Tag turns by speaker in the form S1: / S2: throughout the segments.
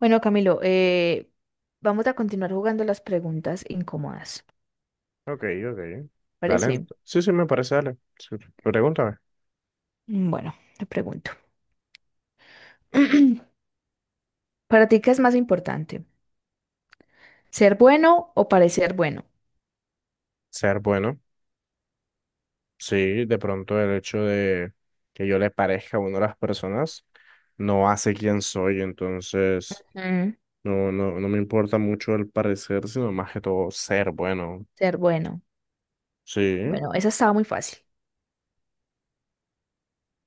S1: Bueno, Camilo, vamos a continuar jugando las preguntas incómodas.
S2: Ok, ok. Dale.
S1: ¿Parece?
S2: Sí, sí, me parece, dale. Sí, pregúntame.
S1: Bueno, te pregunto. ¿Para ti qué es más importante? ¿Ser bueno o parecer bueno?
S2: Ser bueno. Sí, de pronto el hecho de que yo le parezca a uno a las personas no hace quién soy, entonces
S1: Mm,
S2: no me importa mucho el parecer, sino más que todo ser bueno.
S1: ser bueno.
S2: Sí.
S1: Bueno, esa estaba muy fácil.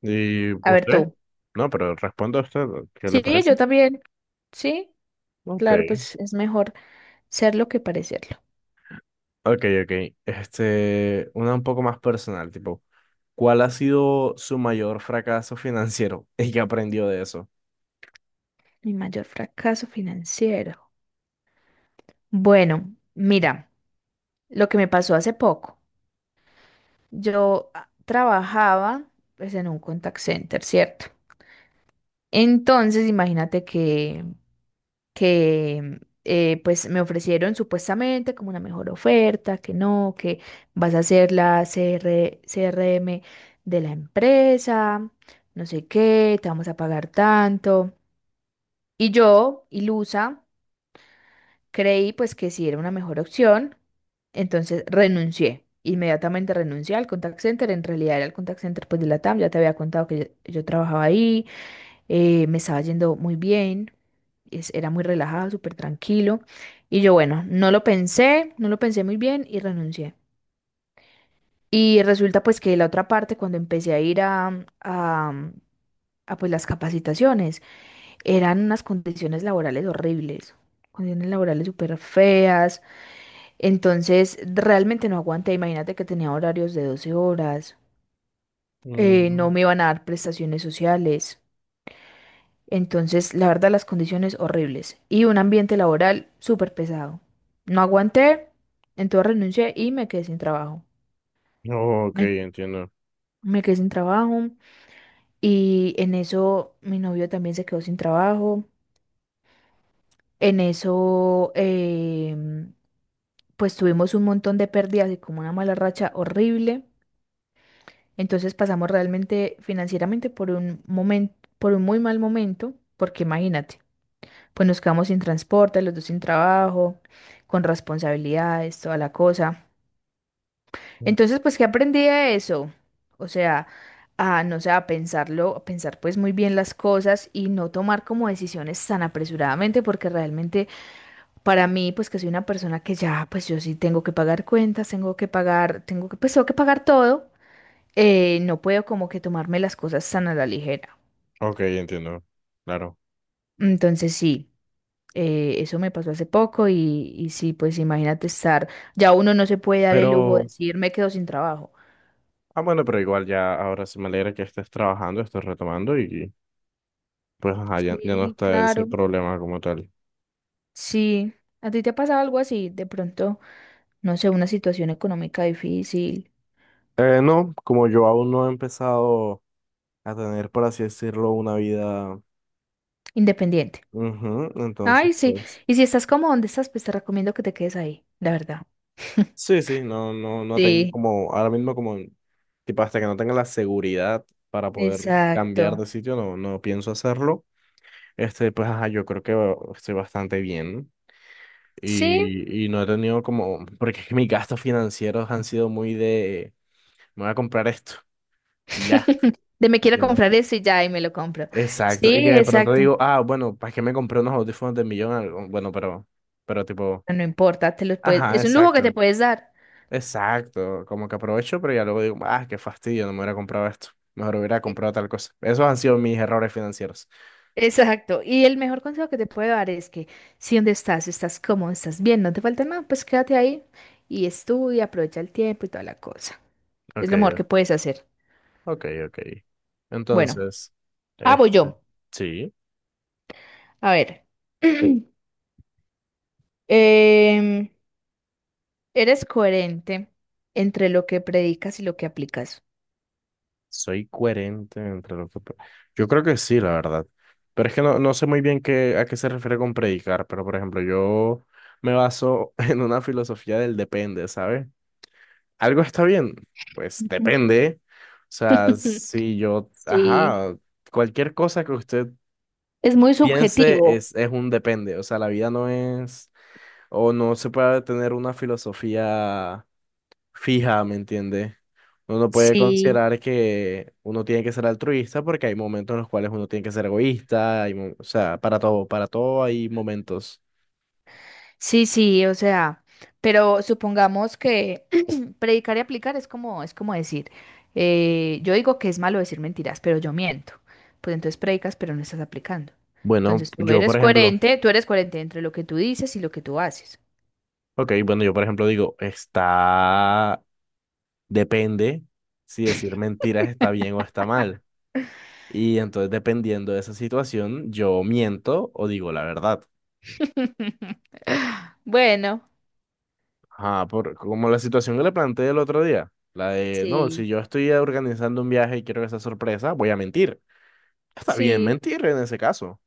S2: ¿Y
S1: A ver
S2: usted?
S1: tú.
S2: No, pero responda usted, ¿qué le
S1: Sí,
S2: parece?
S1: yo también. Sí,
S2: Ok.
S1: claro, pues es mejor serlo que parecerlo.
S2: Ok, ok. Este, una un poco más personal, tipo, ¿cuál ha sido su mayor fracaso financiero y qué aprendió de eso?
S1: Mi mayor fracaso financiero. Bueno, mira, lo que me pasó hace poco. Yo trabajaba pues en un contact center, ¿cierto? Entonces, imagínate que pues me ofrecieron supuestamente como una mejor oferta, que no, que vas a ser la CRM de la empresa, no sé qué, te vamos a pagar tanto. Y yo, ilusa. Creí pues que sí era una mejor opción, entonces renuncié. Inmediatamente renuncié al contact center, en realidad era el contact center pues de la TAM, ya te había contado que yo trabajaba ahí, me estaba yendo muy bien, era muy relajado, súper tranquilo. Y yo bueno, no lo pensé muy bien y renuncié. Y resulta pues que la otra parte, cuando empecé a ir a, a, a pues las capacitaciones, eran unas condiciones laborales horribles, condiciones laborales súper feas entonces, realmente no aguanté. Imagínate que tenía horarios de 12 horas. No
S2: Mm.
S1: me iban a dar prestaciones sociales. Entonces, la verdad, las condiciones horribles. Y un ambiente laboral súper pesado. No aguanté. Entonces renuncié y me quedé sin trabajo.
S2: Oh, ok,
S1: Me,
S2: entiendo.
S1: me quedé sin trabajo. Y en eso mi novio también se quedó sin trabajo. En eso, pues tuvimos un montón de pérdidas y como una mala racha horrible. Entonces pasamos realmente financieramente por un momento, por un muy mal momento, porque imagínate, pues nos quedamos sin transporte, los dos sin trabajo, con responsabilidades, toda la cosa.
S2: Mm.
S1: Entonces, pues, ¿qué aprendí de eso? O sea, no sé, a pensarlo, a pensar pues muy bien las cosas y no tomar como decisiones tan apresuradamente, porque realmente para mí, pues que soy una persona que ya, pues yo sí tengo que pagar cuentas, tengo que pagar, tengo que, pues tengo que pagar todo no puedo como que tomarme las cosas tan a la ligera.
S2: Ok, entiendo. Claro.
S1: Entonces sí, eso me pasó hace poco y sí, pues imagínate estar, ya uno no se puede dar el lujo de
S2: Pero,
S1: decir me quedo sin trabajo.
S2: ah, bueno, pero igual ya ahora sí me alegra que estés trabajando, estés retomando y pues ajá, ya no
S1: Sí,
S2: está ese
S1: claro,
S2: problema como tal.
S1: sí. ¿A ti te ha pasado algo así? De pronto, no sé, una situación económica difícil,
S2: No, como yo aún no he empezado a tener, por así decirlo, una vida,
S1: independiente.
S2: ujú, entonces,
S1: Ay, sí.
S2: pues.
S1: Y si estás como donde estás, pues te recomiendo que te quedes ahí, la verdad.
S2: Sí, sí, no, no tengo
S1: Sí,
S2: como, ahora mismo como, tipo, hasta que no tenga la seguridad para poder cambiar
S1: exacto.
S2: de sitio, no, no pienso hacerlo. Este, pues, ajá, yo creo que estoy bastante bien
S1: Sí,
S2: y, no he tenido como, porque es que mis gastos financieros han sido muy de, me voy a comprar esto y ya,
S1: De me quiero
S2: ¿entiendes?
S1: comprar eso y ya, y me lo compro.
S2: Exacto,
S1: Sí,
S2: y que de pronto
S1: exacto.
S2: digo, ah, bueno, ¿para qué me compré unos audífonos de millón? Algo, bueno, pero tipo,
S1: No importa, te lo puedes,
S2: ajá,
S1: es un lujo que te
S2: exacto.
S1: puedes dar.
S2: Exacto, como que aprovecho, pero ya luego digo, ah, qué fastidio, no me hubiera comprado esto. Mejor hubiera
S1: E-
S2: comprado tal cosa. Esos han sido mis errores financieros.
S1: Exacto. Y el mejor consejo que te puedo dar es que si donde estás, estás cómodo, estás bien, no te falta nada, pues quédate ahí y estudia, aprovecha el tiempo y toda la cosa. Es
S2: Ok,
S1: lo mejor que puedes hacer.
S2: ok, ok.
S1: Bueno,
S2: Entonces,
S1: ah, voy
S2: este,
S1: yo.
S2: sí,
S1: A ver. Em, Eres coherente entre lo que predicas y lo que aplicas.
S2: soy coherente entre lo que... Yo creo que sí, la verdad. Pero es que no, no sé muy bien qué, a qué se refiere con predicar, pero por ejemplo, yo me baso en una filosofía del depende, ¿sabes? ¿Algo está bien? Pues
S1: Ujú.
S2: depende. O sea, si yo,
S1: Sí,
S2: ajá, cualquier cosa que usted
S1: es muy
S2: piense
S1: subjetivo.
S2: es un depende. O sea, la vida no es, o no se puede tener una filosofía fija, ¿me entiende? Uno no puede
S1: Sí,
S2: considerar que uno tiene que ser altruista porque hay momentos en los cuales uno tiene que ser egoísta. O sea, para todo hay momentos.
S1: sí, sí, o sea, pero supongamos que predicar y aplicar es como decir, yo digo que es malo decir mentiras, pero yo miento. Pues entonces predicas, pero no estás aplicando.
S2: Bueno,
S1: Entonces
S2: yo, por ejemplo,
S1: tú eres coherente entre lo que tú dices y lo que tú haces.
S2: ok, bueno, yo, por ejemplo, digo, está. Depende si decir mentiras está bien o está mal. Y entonces, dependiendo de esa situación, yo miento o digo la verdad.
S1: Bueno,
S2: Ajá, por, como la situación que le planteé el otro día, la de, no,
S1: sí,
S2: si yo estoy organizando un viaje y quiero que sea sorpresa, voy a mentir. Está bien
S1: sí,
S2: mentir en ese caso.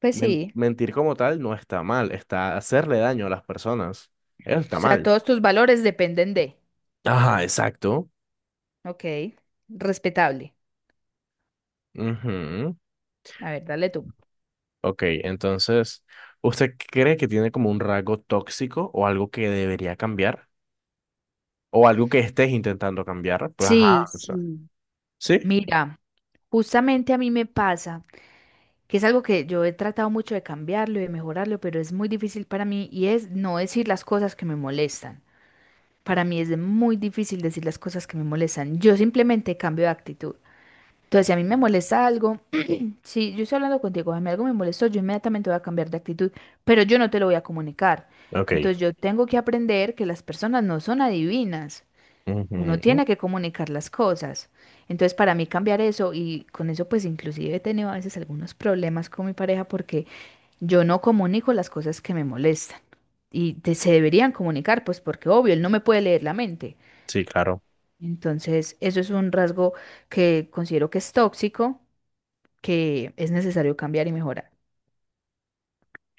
S1: pues sí.
S2: Mentir como tal no está mal, está hacerle daño a las personas. Eso
S1: O
S2: está
S1: sea,
S2: mal.
S1: todos tus valores dependen de,
S2: Ajá, exacto.
S1: ok, respetable.
S2: Ujú.
S1: A ver, dale tú.
S2: Ok, entonces, ¿usted cree que tiene como un rasgo tóxico o algo que debería cambiar? ¿O algo que estés intentando cambiar? Pues
S1: Sí,
S2: ajá, o sea,
S1: sí.
S2: ¿sí?
S1: Mira, justamente a mí me pasa que es algo que yo he tratado mucho de cambiarlo y de mejorarlo, pero es muy difícil para mí y es no decir las cosas que me molestan. Para mí es muy difícil decir las cosas que me molestan. Yo simplemente cambio de actitud. Entonces, si a mí me molesta algo, si yo estoy hablando contigo, a mí algo me molestó, yo inmediatamente voy a cambiar de actitud, pero yo no te lo voy a comunicar.
S2: Ok.
S1: Entonces, yo tengo que aprender que las personas no son adivinas. Uno
S2: Ujú,
S1: tiene que comunicar las cosas. Entonces, para mí cambiar eso, y con eso pues inclusive he tenido a veces algunos problemas con mi pareja porque yo no comunico las cosas que me molestan. Y se deberían comunicar, pues porque obvio, él no me puede leer la mente.
S2: sí, claro.
S1: Entonces, eso es un rasgo que considero que es tóxico, que es necesario cambiar y mejorar.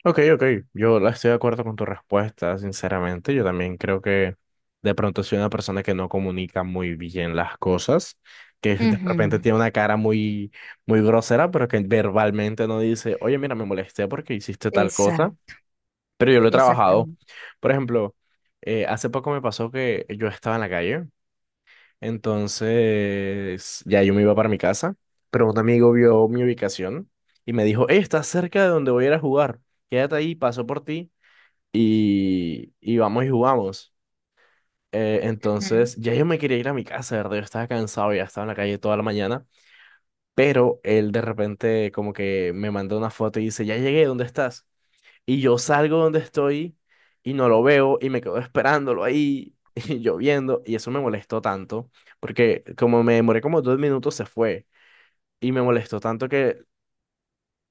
S2: Ok, ok, yo estoy de acuerdo con tu respuesta, sinceramente. Yo también creo que de pronto soy una persona que no comunica muy bien las cosas, que de repente
S1: Ujú,
S2: tiene una cara muy, muy grosera, pero que verbalmente no dice, oye, mira, me molesté porque hiciste tal cosa.
S1: Exacto,
S2: Pero yo lo he trabajado.
S1: exactamente.
S2: Por ejemplo, hace poco me pasó que yo estaba en la calle, entonces ya yo me iba para mi casa, pero un amigo vio mi ubicación y me dijo, hey, estás cerca de donde voy a ir a jugar, quédate ahí, paso por ti y vamos y jugamos.
S1: Ujú.
S2: Entonces ya yo me quería ir a mi casa, de ¿verdad? Yo estaba cansado, ya estaba en la calle toda la mañana, pero él de repente como que me mandó una foto y dice, ya llegué, ¿dónde estás? Y yo salgo donde estoy y no lo veo y me quedo esperándolo ahí y lloviendo. Y eso me molestó tanto porque como me demoré como dos minutos se fue. Y me molestó tanto que, o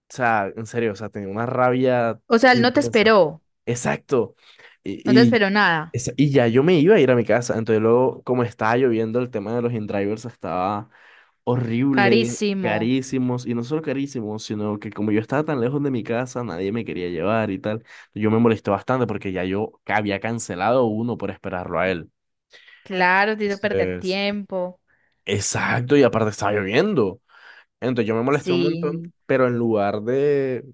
S2: sea, en serio, o sea, tenía una rabia
S1: O sea, él no te
S2: intensa.
S1: esperó,
S2: Exacto. Y,
S1: no te
S2: y,
S1: esperó nada.
S2: y ya yo me iba a ir a mi casa. Entonces luego, como estaba lloviendo, el tema de los in-drivers estaba horrible,
S1: Carísimo,
S2: carísimos, y no solo carísimos, sino que como yo estaba tan lejos de mi casa, nadie me quería llevar y tal. Yo me molesté bastante porque ya yo había cancelado uno por esperarlo a él.
S1: claro, te hizo perder
S2: Entonces,
S1: tiempo.
S2: exacto, y aparte estaba lloviendo. Entonces yo me molesté un montón,
S1: Sí,
S2: pero en lugar de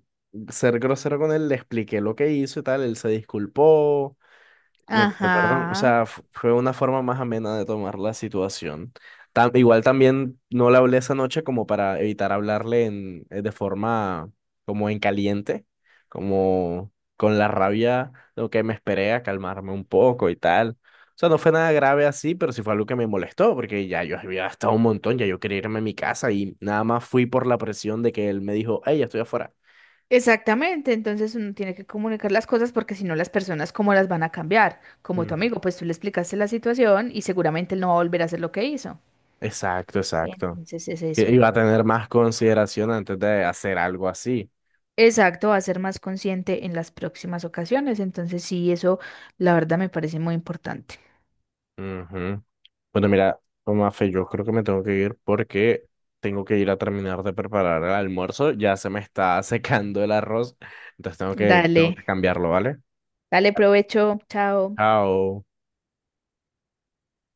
S2: ser grosero con él, le expliqué lo que hizo y tal, él se disculpó, me perdón, o
S1: ajá,
S2: sea, fue una forma más amena de tomar la situación. Igual también no le hablé esa noche como para evitar hablarle en, de forma como en caliente, como con la rabia, lo que me esperé a calmarme un poco y tal. O sea, no fue nada grave así, pero sí fue algo que me molestó, porque ya yo había gastado un montón, ya yo quería irme a mi casa y nada más fui por la presión de que él me dijo, hey, ya estoy afuera.
S1: Exactamente, entonces uno tiene que comunicar las cosas porque si no las personas cómo las van a cambiar. Como tu
S2: Mm.
S1: amigo, pues tú le explicaste la situación y seguramente él no va a volver a hacer lo que hizo.
S2: Exacto, exacto.
S1: Entonces es eso.
S2: Iba a tener más consideración antes de hacer algo así.
S1: Exacto, va a ser más consciente en las próximas ocasiones. Entonces sí, eso la verdad me parece muy importante.
S2: Ujú. Bueno, mira, Mafe, yo creo que me tengo que ir porque tengo que ir a terminar de preparar el almuerzo. Ya se me está secando el arroz, entonces tengo que
S1: Dale,
S2: cambiarlo, ¿vale?
S1: dale provecho, chao.
S2: Chao.